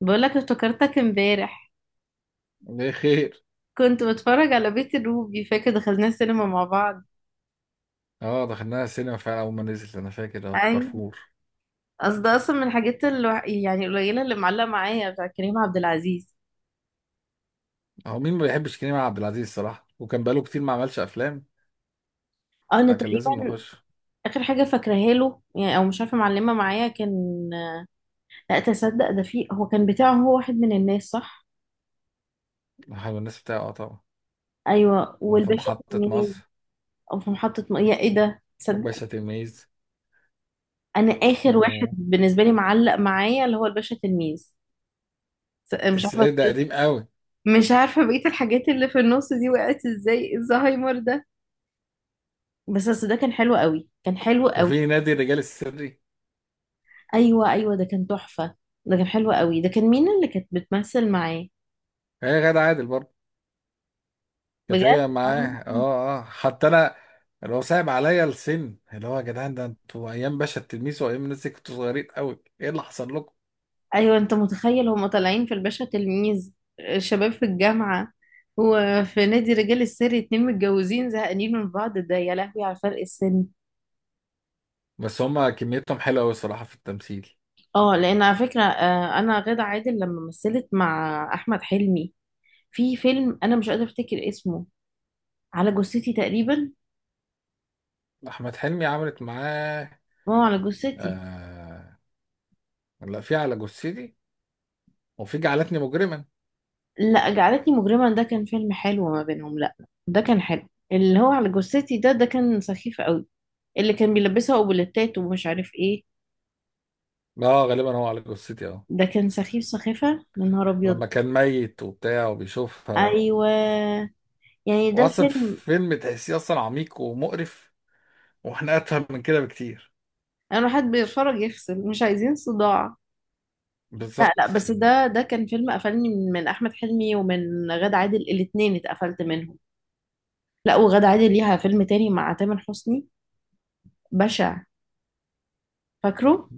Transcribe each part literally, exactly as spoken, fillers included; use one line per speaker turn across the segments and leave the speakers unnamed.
بقولك افتكرتك امبارح.
ليه؟ خير.
كنت بتفرج على بيت الروبي، فاكر دخلنا السينما مع بعض؟
اه دخلناها السينما فعلا، اول ما نزلت انا فاكر، اه في
اي.
كارفور.
اصل ده اصلا من الحاجات الوح... يعني القليله اللي معلقه معايا، بتاع كريم عبد العزيز.
هو مين ما بيحبش كريم عبد العزيز الصراحه؟ وكان بقاله كتير ما عملش افلام،
اه، انا
فكان لازم
تقريبا
نخش.
اخر حاجه فاكراها له يعني، او مش عارفه، معلمه معايا كان. لا تصدق، ده فيه، هو كان بتاعه، هو واحد من الناس صح.
حلو. الناس بتاعه، اه طبعا.
ايوه،
وفي
والباشا
محطه
تلميذ.
مصر،
او في محطه م... يا ايه ده، تصدق.
وباشا تلميذ،
انا اخر واحد
و
بالنسبه لي معلق معايا اللي هو الباشا تلميذ. س- مش عارفه.
السيد ده قديم قوي.
مش عارفة بقية الحاجات اللي في النص دي وقعت ازاي، الزهايمر ده. بس اصل ده كان حلو قوي، كان حلو قوي.
وفي نادي الرجال السري،
ايوه ايوه، ده كان تحفه. ده كان حلو قوي، ده كان مين اللي كانت بتمثل معاه؟
هي غادة عادل برضه. كانت
بجد؟
هي
آه.
معاه، اه اه حتى انا، اللي هو صعب عليا السن، اللي هو، يا جدعان، ده انتوا ايام باشا التلميذ وايام الناس دي كنتوا صغيرين قوي! ايه اللي حصل لكم؟
ايوه انت متخيل، هما طالعين في الباشا تلميذ آه، شباب في الجامعه، وفي نادي رجال السر اتنين متجوزين زهقانين من بعض، ده يا لهوي على فرق السن.
بس هما كميتهم حلوه قوي الصراحه في التمثيل.
اه لان على فكره، آه، انا غادة عادل لما مثلت مع احمد حلمي في فيلم، انا مش قادره افتكر اسمه، على جثتي تقريبا.
احمد حلمي عملت معاه؟
اه، على جثتي.
آه... لا، في على جثتي، وفي جعلتني مجرما.
لا، جعلتني مجرما ده كان فيلم حلو ما بينهم، لا. ده كان حلو، اللي هو على جثتي ده ده كان سخيف قوي. اللي كان بيلبسها اوبليتات ومش عارف ايه،
اه، غالبا هو على جثتي، اه.
ده كان سخيف سخيفة. يا نهار ابيض.
لما كان ميت وبتاع وبيشوفها و...
ايوه. يعني ده
واصلا
فيلم،
فيلم تحسيه اصلا عميق ومقرف، واحنا اتفهم من كده بكتير.
انا حد بيتفرج يفصل، مش عايزين صداع. لا لا،
بالظبط.
بس ده ده كان فيلم قفلني من من احمد حلمي ومن غادة عادل، الاتنين اتقفلت منهم. لا، وغادة عادل ليها فيلم تاني مع تامر حسني بشع، فاكره؟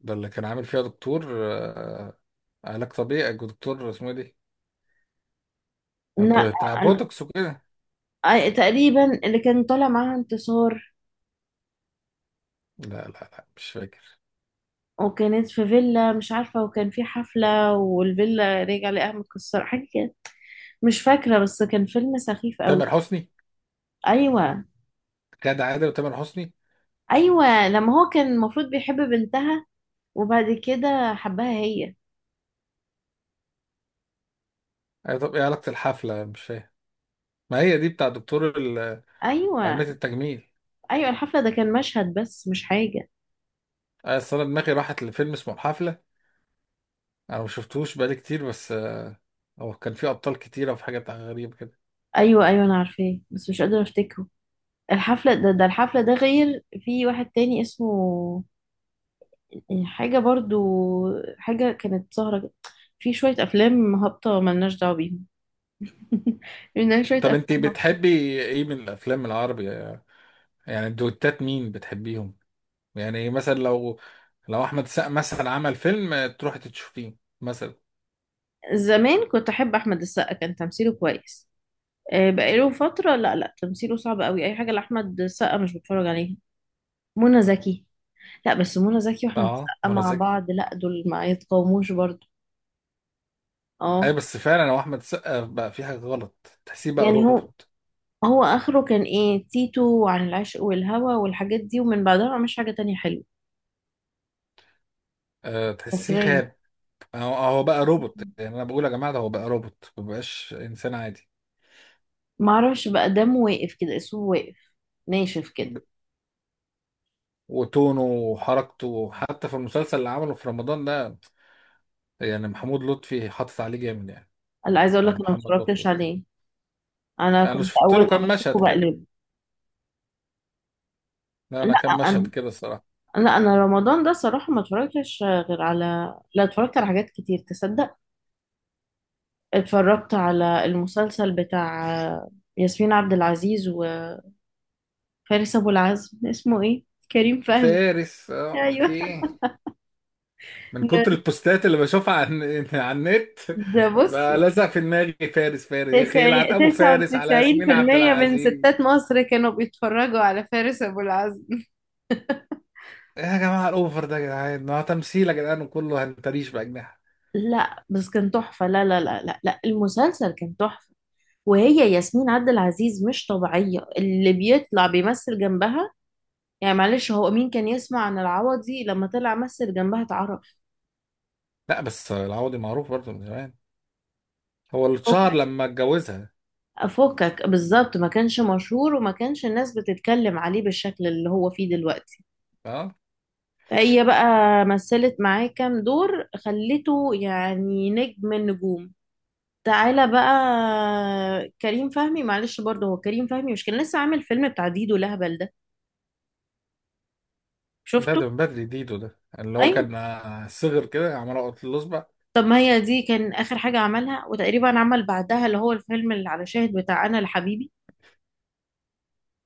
ده اللي كان عامل فيها دكتور، آه... علاج طبيعي، دكتور اسمه إيه دي؟
لا
بتاع
أنا-
بوتوكس وكده.
آه، تقريبا اللي كان طالع معاها انتصار،
لا لا لا، مش فاكر.
وكانت في فيلا مش عارفة، وكان في حفلة والفيلا رجع لقاها متكسرة حاجة كده، مش فاكرة، بس كان فيلم سخيف قوي.
تامر حسني.
أيوة.
غادة عادل وتامر حسني.
أيوة لما هو كان المفروض بيحب بنتها وبعد كده حبها هي.
أيوة، طب ايه علاقة الحفلة؟ مش فاهم. ما هي دي بتاع دكتور
أيوة.
قابلة التجميل.
أيوة الحفلة ده كان مشهد بس مش حاجة.
آه، أصل أنا دماغي راحت لفيلم اسمه الحفلة. أنا ما شفتهوش بقالي كتير، بس آه، هو كان فيه أبطال كتيرة وفي حاجات غريبة كده.
أيوة. أيوة أنا عارفاه بس مش قادرة أفتكره. الحفلة ده، ده الحفلة ده غير في واحد تاني اسمه يعني حاجة برضو، حاجة كانت سهرة. في شوية أفلام هابطة ملناش دعوة بيهم لأن شوية
طب
أفلام
أنت
هابطة.
بتحبي إيه من الأفلام العربي؟ آه، يعني الدويتات مين بتحبيهم؟ يعني مثلا لو، لو أحمد السقا مثلا عمل فيلم، آه، تروحي تشوفيه مثلا؟
زمان كنت أحب أحمد السقا، كان تمثيله كويس آه، بقاله فترة. لا لا، تمثيله صعب قوي، أي حاجة لأحمد السقا مش بتفرج عليها. منى زكي؟ لا، بس منى زكي وأحمد
أه،
السقا
منى
مع
زكي.
بعض لا، دول ما يتقاوموش برضو.
أي
اه.
بس فعلا هو أحمد السقا بقى في حاجة غلط، تحسيه بقى
يعني هو،
روبوت.
هو آخره كان إيه، تيتو وعن العشق والهوى والحاجات دي، ومن بعدها مش حاجة تانية حلوة
آه، تحسيه
فاكرة.
خاب. هو هو بقى روبوت، يعني أنا بقول يا جماعة ده هو بقى روبوت، مبقاش إنسان عادي.
ما اعرفش بقى، دمه واقف كده، اسمه واقف، ناشف كده.
وتونه وحركته حتى في المسلسل اللي عمله في رمضان ده، يعني محمود لطفي حاطط عليه جامد يعني.
انا عايزه اقول لك
ولا
انا ما
محمد لطفي
اتفرجتش
اسمه.
عليه، انا
يعني انا
كنت
شفت
اول
له
ما
كام
بشوفه
مشهد كده.
بقلبه.
لا انا كام
لا
مشهد
انا
كده الصراحه.
لا انا رمضان ده صراحه ما اتفرجتش، غير على، لا اتفرجت على حاجات كتير تصدق. اتفرجت على المسلسل بتاع ياسمين عبد العزيز وفارس ابو العزم، اسمه ايه؟ كريم فهمي.
فارس، آه،
ايوه.
اوكي. من كتر البوستات اللي بشوفها عن على النت،
ده بص،
بقى لازق في دماغي. فارس فارس، يا اخي، يلعن
تسعين،
ابو
تسعة
فارس على
وتسعين في
ياسمين عبد
المية من
العزيز.
ستات مصر كانوا بيتفرجوا على فارس أبو العزم.
إيه يا جماعه الاوفر ده يا جدعان؟ ما هو تمثيل يا جدعان وكله هنتريش باجنحه.
لا بس كان تحفة، لا لا لا لا لا، المسلسل كان تحفة. وهي ياسمين عبد العزيز مش طبيعية اللي بيطلع بيمثل جنبها. يعني معلش، هو مين كان يسمع عن العوضي لما طلع مثل جنبها اتعرف.
لا بس العوضي معروف برضه من زمان، هو اللي اتشهر
فكك،
لما اتجوزها.
فكك بالظبط، ما كانش مشهور وما كانش الناس بتتكلم عليه بالشكل اللي هو فيه دلوقتي.
اه،
هي بقى مثلت معاه كام دور خلته يعني نجم النجوم. تعالى بقى، كريم فهمي معلش برضه، هو كريم فهمي مش كان لسه عامل فيلم بتاع ديدو لهبل ده،
ده
شفته؟
ده من بدري. ديدو ده اللي هو
ايوه.
كان آه، صغر كده عمال اقط الاصبع.
طب ما هي دي كان اخر حاجه عملها، وتقريبا عمل بعدها اللي هو الفيلم اللي على شاهد بتاع انا لحبيبي،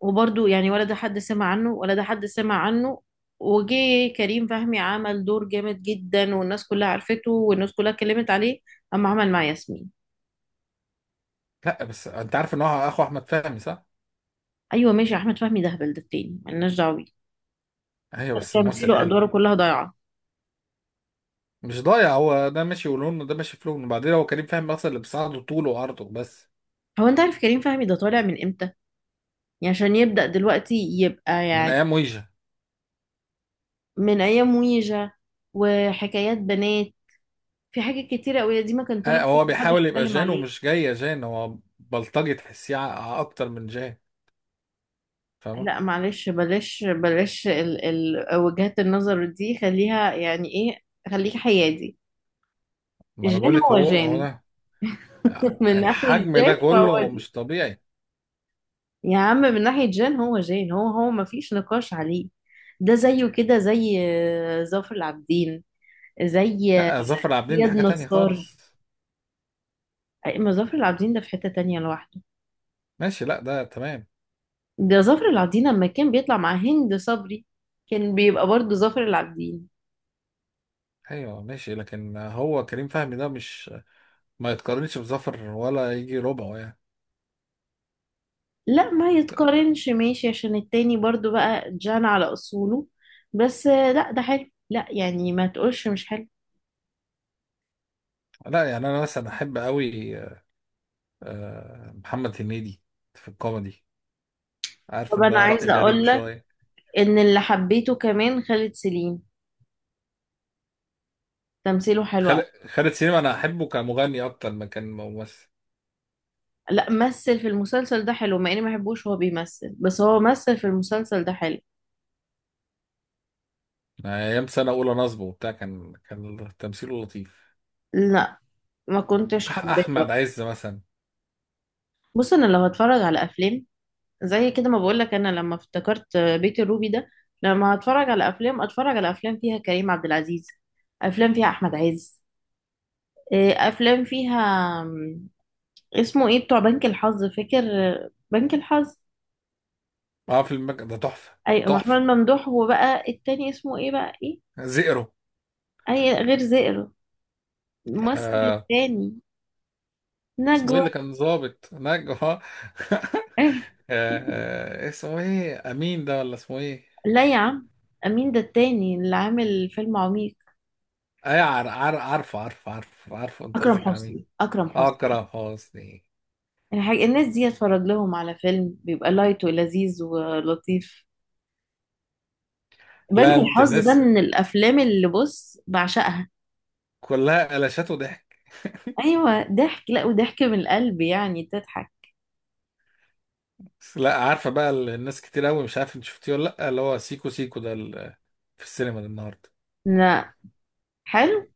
وبرضه يعني ولا ده حد سمع عنه ولا ده حد سمع عنه. وجي كريم فهمي عمل دور جامد جدا، والناس كلها عرفته والناس كلها اتكلمت عليه، اما عمل مع ياسمين.
لا بس انت عارف ان هو اخو احمد فهمي، صح؟
ايوه ماشي، احمد فهمي ده هبل، ده التاني ملناش دعوه بيه.
ايوه بس ممثل
تمثيله
حلو.
ادواره كلها ضايعه.
مش ضايع، هو ده ماشي ولونه، وده ماشي في لونه، وبعدين هو كريم فهمي اصلا اللي بيساعده طوله وعرضه بس.
هو انت عارف كريم فهمي ده طالع من امتى، يعني عشان يبدأ دلوقتي يبقى
من
يعني،
ايام ويجا.
من أيام ويجا وحكايات بنات، في حاجات كتيرة أوي دي ما كان طالع
آه،
فيها
هو
محدش
بيحاول يبقى
يتكلم
جان
عليه.
ومش جاي جان، هو بلطجي تحسيه، ع- اكتر من جان. فاهمه؟
لا معلش، بلاش بلاش، ال ال وجهات النظر دي خليها يعني إيه، خليك حيادي.
ما انا
جان
بقول لك،
هو
هو
جان
هو ده،
من ناحية
الحجم
جان
ده
فهو
كله
جان.
مش طبيعي.
يا عم من ناحية جان هو جان، هو هو ما فيش نقاش عليه. ده زيه كده زي آه، ظافر العابدين، زي آه،
لا ظافر عابدين ده
إياد
حاجه تانية
نصار.
خالص.
أي- ما ظافر العابدين ده في حتة تانية لوحده.
ماشي، لا ده تمام.
ده ظافر العابدين لما كان بيطلع مع هند صبري كان بيبقى برضه ظافر العابدين.
ايوه ماشي، لكن هو كريم فهمي ده مش، ما يتقارنش بظفر ولا يجي ربعه يعني.
لا ما يتقارنش، ماشي، عشان التاني برضه بقى جان على اصوله. بس آه، لا ده حلو، لا يعني ما تقولش مش حلو.
لا يعني انا مثلا احب قوي آه، محمد هنيدي في الكوميدي.
طب
عارف ان
انا
ده رأي
عايزه
غريب
اقول لك
شويه.
ان اللي حبيته كمان خالد سليم، تمثيله حلو أوي.
خالد خالد سليم انا احبه كمغني اكتر ما كان ممثل.
لا مثل في المسلسل ده حلو، مع اني ما بحبوش هو بيمثل، بس هو مثل في المسلسل ده حلو.
أنا ايام سنه اولى نصبه وبتاع كان كان تمثيله لطيف.
لا ما كنتش
أح
حباه
احمد
برضه.
عز مثلا.
بص انا لو هتفرج على افلام زي كده، ما بقولك انا لما افتكرت بيت الروبي ده، لما اتفرج على افلام اتفرج على افلام فيها كريم عبد العزيز، افلام فيها احمد عز، إيه، افلام فيها م، اسمه ايه بتوع بنك الحظ، فاكر؟ بنك الحظ.
اه، في المك... ده تحفه.
اي محمد
تحفه.
ممدوح، وبقى التاني اسمه ايه بقى ايه،
زئرو.
اي غير زئر، الممثل
آه
التاني،
اسمه ايه
نجوى.
اللي كان ظابط نجوى؟ آه،
إيه؟
آه، اسمه ايه امين ده، ولا اسمه ايه؟
لا يا عم، مين ده التاني اللي عامل فيلم عميق،
اي، عار عار عارفه عارفه عارفه عارفه، انت
اكرم
قصدك على مين.
حسني اكرم
آه،
حسني.
اكرم حسني.
الحاج... الناس دي اتفرج لهم على فيلم بيبقى لايت ولذيذ ولطيف. بنك
لا انت
الحظ ده
الناس
من الافلام اللي بص بعشقها.
كلها قلشات وضحك.
ايوه ضحك، لا وضحك من القلب يعني تضحك.
بس لا، عارفه بقى، ال- الناس كتير قوي، مش عارف انت شفتيه ولا لا، اللي هو سيكو سيكو ده ال- في السينما ده النهارده،
لا حلو.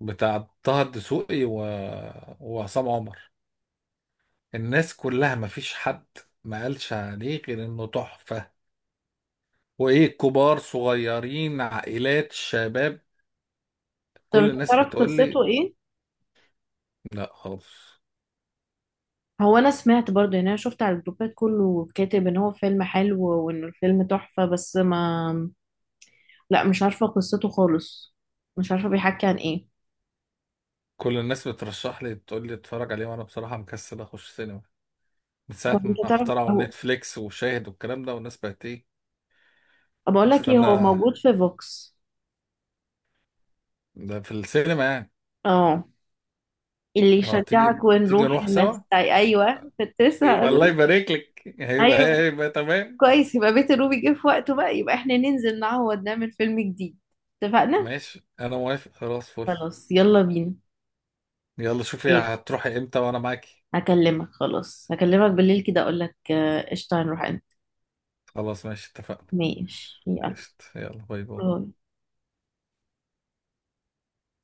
بتاع طه الدسوقي و... وعصام عمر. الناس كلها، ما فيش حد ما قالش عليه غير انه تحفه، وايه، كبار، صغيرين، عائلات، شباب،
طب
كل
انت
الناس
تعرف
بتقول لي.
قصته ايه؟
لا خالص.
هو انا سمعت برضه يعني، انا شفت على الجروبات كله كاتب ان هو فيلم حلو وان الفيلم تحفة بس ما، لا مش عارفة قصته خالص، مش عارفة بيحكي عن ايه.
كل الناس بترشح لي، بتقول لي اتفرج عليه، وانا بصراحة مكسل اخش سينما من ساعة
طب
ما
انت تعرف
اخترعوا
هو،
نتفليكس وشاهد والكلام ده، والناس بقت ايه.
بقول لك ايه، هو
هستنى.
موجود في فوكس.
ده في السينما يعني؟
اه. اللي
اه، تيجي،
يشجعك
تيجي
ونروح
نروح
الناس
سوا؟
تاي ايوه كنت لسه
يبقى
هقول
الله
لك.
يبارك لك، هيبقى
ايوه
هيبقى تمام.
كويس، يبقى بيت الروبي جه في وقته بقى، يبقى احنا ننزل نعوض نعمل فيلم جديد، اتفقنا.
ماشي، انا موافق، خلاص، فل.
خلاص يلا بينا.
يلا شوفي
ايه؟
هتروحي امتى وانا معاكي.
هكلمك خلاص، هكلمك بالليل كده اقول لك آه، قشطه هنروح امتى.
خلاص ماشي، اتفقنا.
ماشي يلا.
قشطة، يلا، باي باي.
باي.